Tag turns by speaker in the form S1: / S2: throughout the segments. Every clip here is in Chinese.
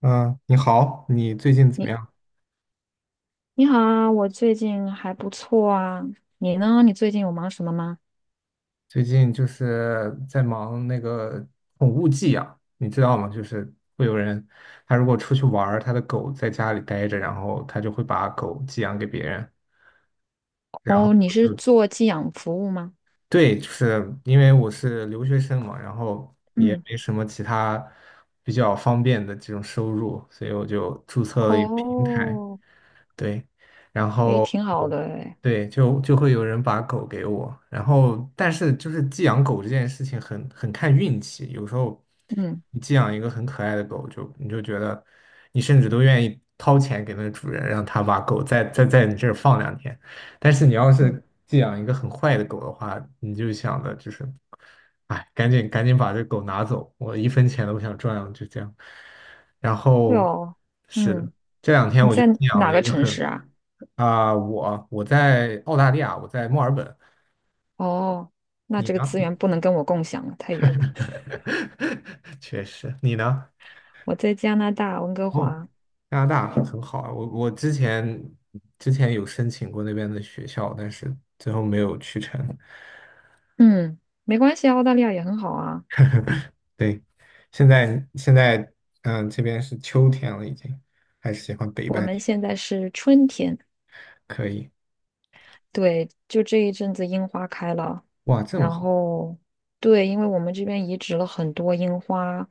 S1: 嗯，你好，你最近怎么
S2: 你
S1: 样？
S2: 你好啊，我最近还不错啊。你呢？你最近有忙什么吗？
S1: 最近就是在忙那个宠物寄养，你知道吗？就是会有人，他如果出去玩儿，他的狗在家里待着，然后他就会把狗寄养给别人，然后
S2: 哦，你
S1: 我
S2: 是
S1: 就
S2: 做寄养服务吗？
S1: 对，就是因为我是留学生嘛，然后也
S2: 嗯，
S1: 没什么其他比较方便的这种收入，所以我就注册了一个平台。
S2: 哦，
S1: 对，然
S2: 诶，
S1: 后
S2: 挺好
S1: 我
S2: 的诶。
S1: 对就会有人把狗给我，然后但是就是寄养狗这件事情很看运气，有时候
S2: 嗯，
S1: 你寄养一个很可爱的狗，就你就觉得你甚至都愿意掏钱给那个主人，让他把狗再在你这儿放两天，但是你要
S2: 嗯，
S1: 是寄养一个很坏的狗的话，你就想的就是，哎，赶紧赶紧把这狗拿走，我一分钱都不想赚了，就这样，然
S2: 对
S1: 后
S2: 哦，
S1: 是的。
S2: 嗯，
S1: 这两天
S2: 你
S1: 我就
S2: 在
S1: 养
S2: 哪
S1: 了
S2: 个
S1: 一个
S2: 城市
S1: 很
S2: 啊？
S1: 我在澳大利亚，我在墨尔本，
S2: 哦，那
S1: 你
S2: 这个
S1: 呢？
S2: 资源不能跟我共享了，太远了。
S1: 确实，你呢？
S2: 我在加拿大温哥
S1: 哦，
S2: 华。
S1: 加拿大很好啊，我之前有申请过那边的学校，但是最后没有去成。
S2: 嗯，没关系啊，澳大利亚也很好啊。
S1: 对，现在这边是秋天了，已经还是喜欢北
S2: 我
S1: 半
S2: 们
S1: 天，
S2: 现在是春天。
S1: 可以。
S2: 对，就这一阵子樱花开了，
S1: 哇，这么
S2: 然
S1: 好，
S2: 后对，因为我们这边移植了很多樱花，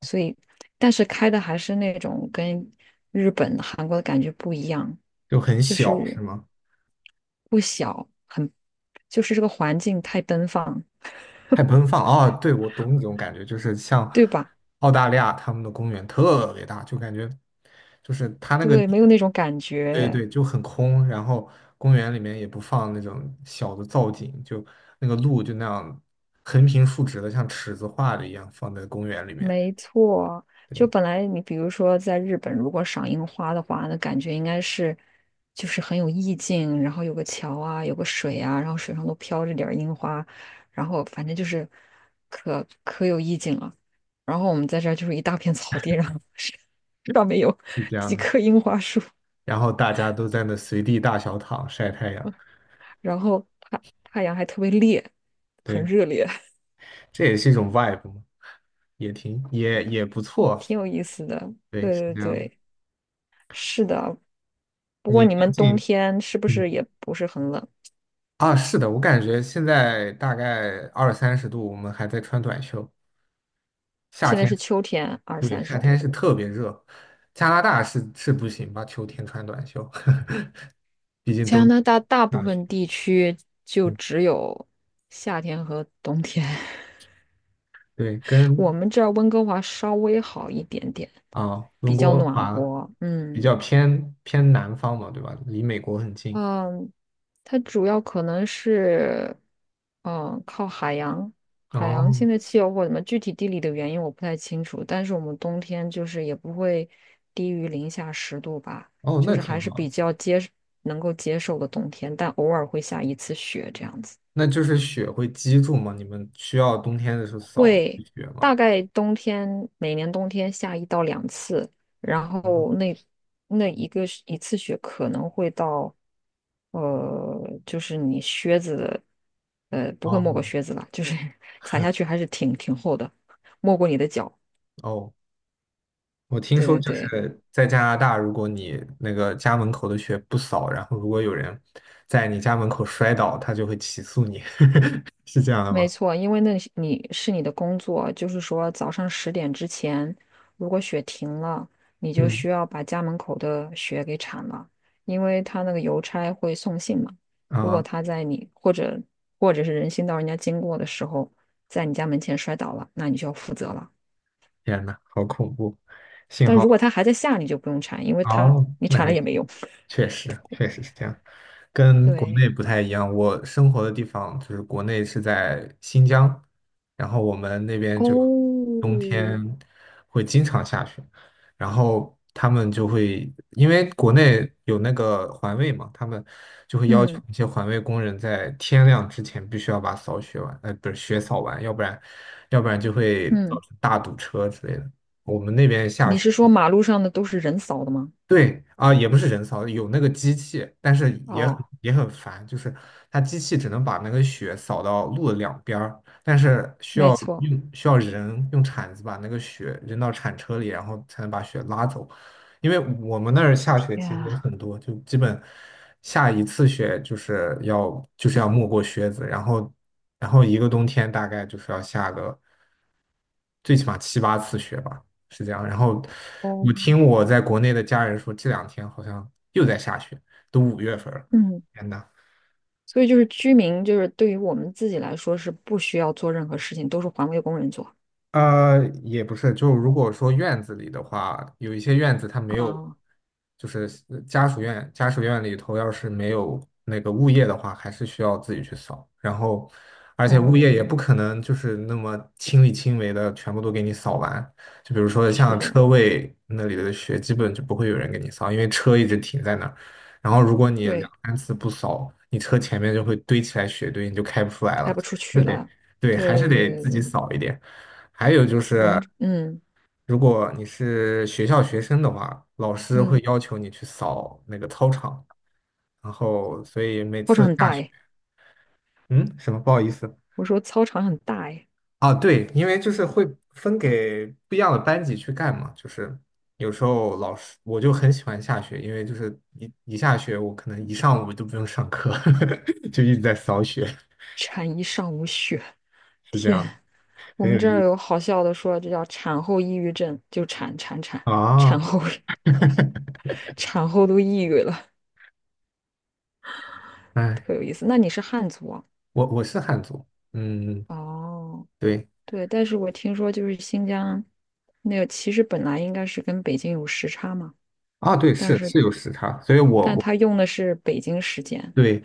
S2: 所以但是开的还是那种跟日本、韩国的感觉不一样，
S1: 就很
S2: 就
S1: 小是
S2: 是
S1: 吗？
S2: 不小，很，就是这个环境太奔放，
S1: 太奔放啊！对，我懂你这种感觉，就是像
S2: 对吧？
S1: 澳大利亚他们的公园特别大，就感觉就是它那个
S2: 对，没有那种感
S1: 对
S2: 觉。
S1: 对，就很空，然后公园里面也不放那种小的造景，就那个路就那样横平竖直的，像尺子画的一样放在公园里面，
S2: 没错，就
S1: 对，
S2: 本来你比如说在日本，如果赏樱花的话，那感觉应该是就是很有意境，然后有个桥啊，有个水啊，然后水上都飘着点儿樱花，然后反正就是可有意境了。然后我们在这儿就是一大片草地，上，是上面有
S1: 是这样
S2: 几
S1: 的。
S2: 棵樱花树，
S1: 然后大家都在那随地大小躺晒太阳，
S2: 然后太阳还特别烈，
S1: 对，
S2: 很热烈，
S1: 这也是一种 vibe 嘛，也挺不 错，
S2: 挺有意思的。
S1: 对，
S2: 对
S1: 是
S2: 对
S1: 这样的。
S2: 对，是的。不过
S1: 你最
S2: 你们冬
S1: 近？
S2: 天是不
S1: 嗯。
S2: 是也不是很冷？
S1: 啊，是的，我感觉现在大概二三十度，我们还在穿短袖。夏
S2: 现在
S1: 天，
S2: 是秋天，二
S1: 对，
S2: 三十
S1: 夏天
S2: 度。
S1: 是特别热。加拿大是不行吧？秋天穿短袖，毕竟
S2: 加
S1: 冬
S2: 拿大大部
S1: 下雪。
S2: 分地区就
S1: 嗯，
S2: 只有夏天和冬天。
S1: 对，
S2: 我
S1: 跟
S2: 们这儿温哥华稍微好一点点，比
S1: 温
S2: 较
S1: 哥
S2: 暖
S1: 华
S2: 和。
S1: 比
S2: 嗯，
S1: 较偏南方嘛，对吧？离美国很近。
S2: 嗯，它主要可能是，嗯，靠海洋、海洋
S1: 哦
S2: 性的气候或者什么具体地理的原因我不太清楚，但是我们冬天就是也不会低于-10度吧，
S1: 哦，
S2: 就
S1: 那
S2: 是还
S1: 挺
S2: 是
S1: 好
S2: 比
S1: 的。
S2: 较能够接受的冬天，但偶尔会下一次雪这样子。
S1: 那就是雪会积住吗？你们需要冬天的时候扫
S2: 会
S1: 雪吗？
S2: 大概冬天每年冬天下1到2次，然后
S1: 哦
S2: 那一个是一次雪可能会到，呃，就是你靴子的，呃，不会没过
S1: 哦
S2: 靴子吧？就是 踩下 去还是挺厚的，没过你的脚。
S1: 哦，我听
S2: 对
S1: 说
S2: 对
S1: 就
S2: 对，
S1: 是在加拿大，如果你那个家门口的雪不扫，然后如果有人在你家门口摔倒，他就会起诉你，是这样的吗？
S2: 没错，因为那是你的工作，就是说早上10点之前，如果雪停了，你就
S1: 嗯，
S2: 需要把家门口的雪给铲了，因为他那个邮差会送信嘛。如果
S1: 啊，
S2: 他在你或者是人行道人家经过的时候，在你家门前摔倒了，那你就要负责了。
S1: 天呐，好恐怖！幸
S2: 但
S1: 好
S2: 如果他还在下，你就不用铲，因为他
S1: 哦，
S2: 你
S1: 那
S2: 铲
S1: 还
S2: 了也
S1: 行。
S2: 没用。
S1: 确实，确实是这样，跟国
S2: 对，
S1: 内不太一样。我生活的地方就是国内是在新疆，然后我们那边就
S2: 哦，
S1: 冬天会经常下雪，然后他们就会因为国内有那个环卫嘛，他们就会要求
S2: 嗯
S1: 一些环卫工人在天亮之前必须要把扫雪完，不是雪扫完，要不然就会造
S2: 嗯，
S1: 成大堵车之类的。我们那边下
S2: 你
S1: 雪。
S2: 是说马路上的都是人扫的吗？
S1: 对啊，也不是人扫，有那个机器，但是
S2: 哦，
S1: 也很烦，就是它机器只能把那个雪扫到路的两边儿，但是
S2: 没错。
S1: 需要人用铲子把那个雪扔到铲车里，然后才能把雪拉走。因为我们那儿下雪其实也
S2: 呀。
S1: 很多，就基本下一次雪就是要没过靴子，然后一个冬天大概就是要下个，最起码七八次雪吧，是这样。然后
S2: 哦，
S1: 我听我在国内的家人说，这两天好像又在下雪，都5月份了，
S2: 嗯，
S1: 天呐！
S2: 所以就是居民，就是对于我们自己来说是不需要做任何事情，都是环卫工人做。
S1: 也不是，就如果说院子里的话，有一些院子它没有，
S2: 啊，
S1: 就是家属院，家属院里头要是没有那个物业的话，还是需要自己去扫。然后，而且物业也
S2: 哦，
S1: 不可能就是那么亲力亲为的全部都给你扫完。就比如说
S2: 是
S1: 像
S2: 的，
S1: 车位那里的雪，基本就不会有人给你扫，因为车一直停在那儿。然后如果你两
S2: 对，
S1: 三次不扫，你车前面就会堆起来雪堆，你就开不出来
S2: 开
S1: 了。
S2: 不出
S1: 是
S2: 去
S1: 得，
S2: 了。
S1: 对，
S2: 对
S1: 还是
S2: 对对
S1: 得
S2: 对
S1: 自己
S2: 对，
S1: 扫一点。还有就
S2: 我
S1: 是，
S2: 们嗯
S1: 如果你是学校学生的话，老师会
S2: 嗯，
S1: 要求你去扫那个操场，然后所以每
S2: 操场
S1: 次
S2: 很
S1: 下
S2: 大
S1: 雪，
S2: 哎，
S1: 嗯，什么不好意思
S2: 我说操场很大哎，
S1: 啊，对，因为就是会分给不一样的班级去干嘛，就是有时候我就很喜欢下雪，因为就是一下雪，我可能一上午都不用上课，就一直在扫雪，
S2: 铲一上午雪，
S1: 是这样，
S2: 我
S1: 很
S2: 们
S1: 有
S2: 这
S1: 意
S2: 儿
S1: 思
S2: 有好笑的说，这叫产后抑郁症，就产产产产
S1: 啊，
S2: 后 产后都抑郁了，
S1: 哎，
S2: 特有意思。那你是汉族啊？
S1: 我是汉族，嗯。
S2: 哦。
S1: 对。
S2: 对，但是我听说就是新疆那个，其实本来应该是跟北京有时差嘛，
S1: 啊，对，
S2: 但
S1: 是
S2: 是
S1: 是有时差，所以我
S2: 但
S1: 我
S2: 他用的是北京时间。
S1: 对，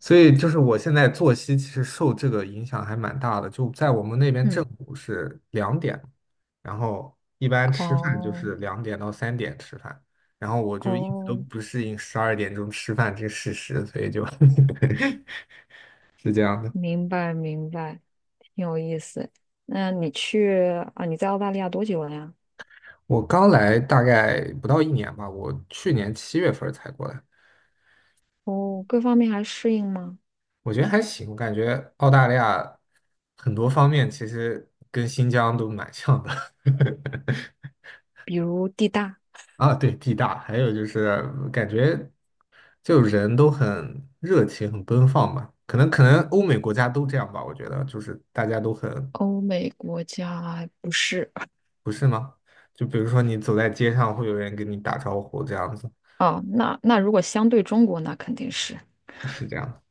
S1: 所以就是我现在作息其实受这个影响还蛮大的。就在我们那边正
S2: 嗯，
S1: 午是两点，然后一般吃饭就
S2: 哦
S1: 是两点到3点吃饭，然后我就一直都
S2: 哦，
S1: 不适应12点钟吃饭这个事实，所以就 是这样的。
S2: 明白明白，挺有意思。那你去啊？你在澳大利亚多久了呀？
S1: 我刚来大概不到一年吧，我去年7月份儿才过来。
S2: 哦，各方面还适应吗？
S1: 我觉得还行，我感觉澳大利亚很多方面其实跟新疆都蛮像的。
S2: 比如地大？
S1: 啊，对，地大，还有就是感觉就人都很热情、很奔放吧。可能欧美国家都这样吧，我觉得就是大家都很，
S2: 欧美国家不是，
S1: 不是吗？就比如说你走在街上，会有人跟你打招呼，这样子
S2: 哦，那如果相对中国，那肯定是。
S1: 是这样的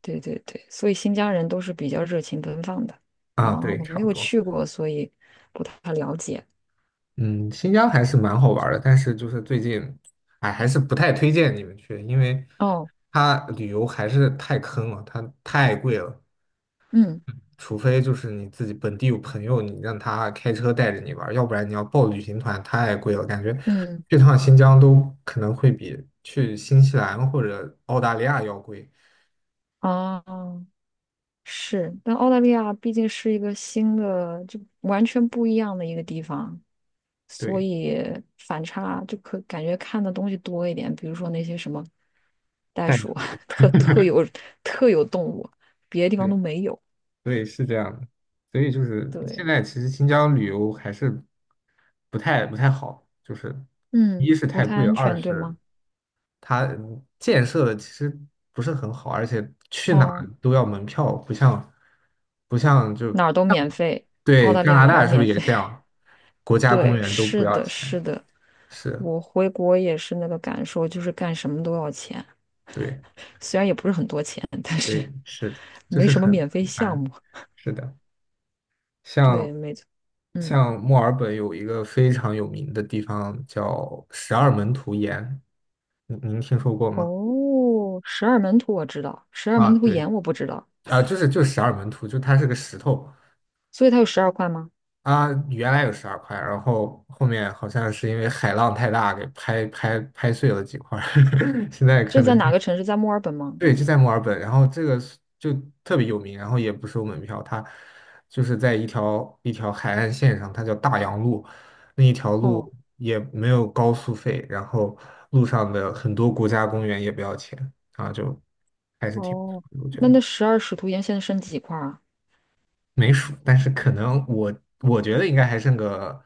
S2: 对对对，所以新疆人都是比较热情奔放的
S1: 啊，
S2: 啊，
S1: 对，
S2: 我
S1: 差
S2: 没
S1: 不
S2: 有
S1: 多。
S2: 去过，所以不太了解。
S1: 嗯，新疆还是蛮好玩儿的，但是就是最近，哎，还是不太推荐你们去，因为
S2: 哦，
S1: 它旅游还是太坑了，它太贵了。
S2: 嗯
S1: 除非就是你自己本地有朋友，你让他开车带着你玩儿要不然你要报旅行团太贵了，感觉
S2: 嗯，
S1: 去趟新疆都可能会比去新西兰或者澳大利亚要贵。
S2: 啊，是，但澳大利亚毕竟是一个新的，就完全不一样的一个地方，所
S1: 对，
S2: 以反差就可感觉看的东西多一点，比如说那些什么袋
S1: 太贵
S2: 鼠啊，特有特有动物，别的地方都 没有。
S1: 对，是这样的，所以就是现
S2: 对，
S1: 在其实新疆旅游还是不太好，就是
S2: 嗯，
S1: 一是
S2: 不
S1: 太
S2: 太
S1: 贵，
S2: 安
S1: 二
S2: 全，对
S1: 是
S2: 吗？
S1: 它建设的其实不是很好，而且去哪儿
S2: 哦。
S1: 都要门票，不像就
S2: 哪儿都免费，澳
S1: 对
S2: 大利
S1: 加
S2: 亚
S1: 拿
S2: 哪儿
S1: 大
S2: 都
S1: 是不是
S2: 免
S1: 也
S2: 费。
S1: 这 样？国家公
S2: 对，
S1: 园都不
S2: 是
S1: 要
S2: 的，是
S1: 钱，
S2: 的，
S1: 是，
S2: 我回国也是那个感受，就是干什么都要钱，
S1: 对
S2: 虽然也不是很多钱，但是
S1: 对是，就
S2: 没
S1: 是
S2: 什么
S1: 很
S2: 免费
S1: 很
S2: 项
S1: 烦，
S2: 目。
S1: 是的。
S2: 对，
S1: 像
S2: 没错，嗯，
S1: 像墨尔本有一个非常有名的地方叫十二门徒岩，您听说过吗？
S2: 哦，十二门徒我知道，十二
S1: 啊，
S2: 门徒
S1: 对，
S2: 岩我不知道，
S1: 啊，就是十二门徒，就它是个石头，
S2: 所以它有12块吗？
S1: 啊，原来有12块，然后后面好像是因为海浪太大给拍碎了几块儿 现在可
S2: 这
S1: 能。
S2: 在哪个城市？在墨尔本吗？
S1: 对，就在墨尔本，然后这个是就特别有名，然后也不收门票，它就是在一条海岸线上，它叫大洋路，那一条路
S2: 哦
S1: 也没有高速费，然后路上的很多国家公园也不要钱啊，就还是挺不错
S2: 哦，
S1: 的我觉
S2: 那
S1: 得
S2: 那十二使徒岩现在剩几块啊？
S1: 没数，但是可能我觉得应该还剩个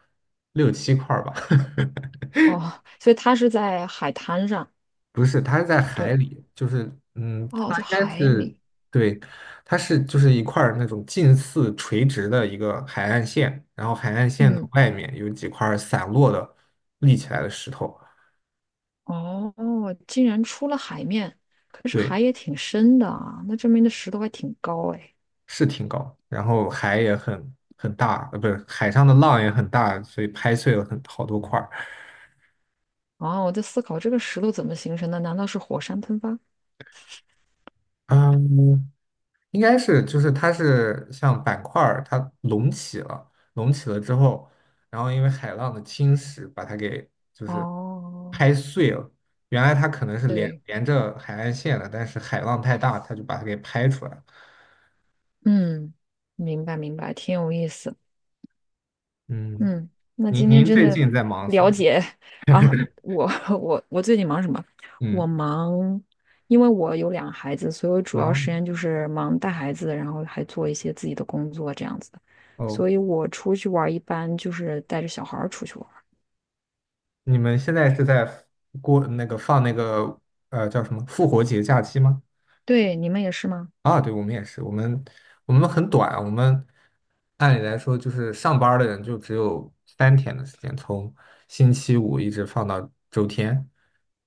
S1: 六七块儿吧。
S2: 哦，所以它是在海滩上，
S1: 不是，它是在海
S2: 对，
S1: 里，就是
S2: 哦，
S1: 它
S2: 在
S1: 应该
S2: 海
S1: 是
S2: 里，
S1: 对，它是就是一块儿那种近似垂直的一个海岸线，然后海岸线的
S2: 嗯。
S1: 外面有几块儿散落的立起来的石头，
S2: 哦，竟然出了海面，可是
S1: 对，
S2: 海也挺深的啊，那证明那石头还挺高哎。
S1: 是挺高，然后海也很大，不是海上的浪也很大，所以拍碎了很好多块儿。
S2: 啊，我在思考这个石头怎么形成的？难道是火山喷发？
S1: 嗯，应该是就是它是像板块儿，它隆起了，隆起了之后，然后因为海浪的侵蚀把它给就是
S2: 哦，
S1: 拍碎了。原来它可能是
S2: 对，
S1: 连着海岸线的，但是海浪太大，它就把它给拍出来了。
S2: 嗯，明白明白，挺有意思。
S1: 嗯，
S2: 嗯，那今天
S1: 您
S2: 真
S1: 最
S2: 的
S1: 近在忙什
S2: 了
S1: 么呀
S2: 解啊，我 我我最近忙什么？我
S1: 嗯，
S2: 忙，因为我有2个孩子，所以我主要
S1: 好
S2: 时间就是忙带孩子，然后还做一些自己的工作这样子。
S1: 哦，
S2: 所以我出去玩儿一般就是带着小孩儿出去玩儿。
S1: 你们现在是在过那个放那个叫什么复活节假期吗？
S2: 对，你们也是吗？
S1: 啊，对，我们也是，我们很短，我们按理来说就是上班儿的人就只有3天的时间，从星期五一直放到周天，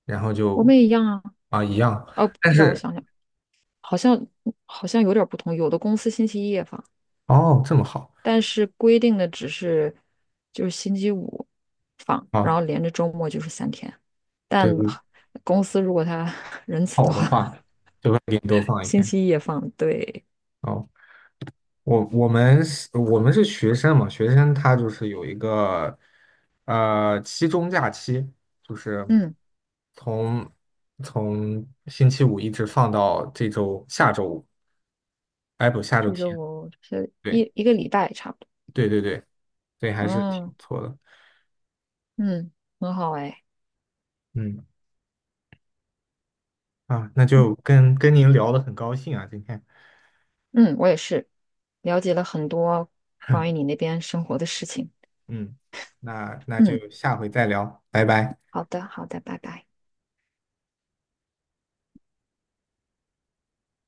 S1: 然后
S2: 我
S1: 就
S2: 们也一样啊。
S1: 啊一样，
S2: 哦，
S1: 但
S2: 让我
S1: 是
S2: 想想，好像好像有点儿不同。有的公司星期一也放。
S1: 哦这么好
S2: 但是规定的只是就是星期五放，然
S1: 啊，
S2: 后连着周末就是3天。但
S1: 对，我
S2: 公司如果他 仁慈的
S1: 好的话
S2: 话，
S1: 就会给你多放一
S2: 星
S1: 天
S2: 期一也放。对，
S1: 哦。我们是学生嘛，学生他就是有一个期中假期，就是
S2: 嗯，
S1: 从星期五一直放到这周下周五，哎不下周
S2: 这周
S1: 天，
S2: 我是
S1: 对
S2: 一个礼拜差不多。
S1: 对对对对，还是挺
S2: 嗯
S1: 不错的，
S2: 嗯，很好哎。
S1: 嗯啊，那就跟您聊的很高兴啊，今天，
S2: 嗯，我也是了解了很多关于你 那边生活的事情。
S1: 嗯，那
S2: 嗯，
S1: 就下回再聊，拜拜。
S2: 好的好的，拜拜。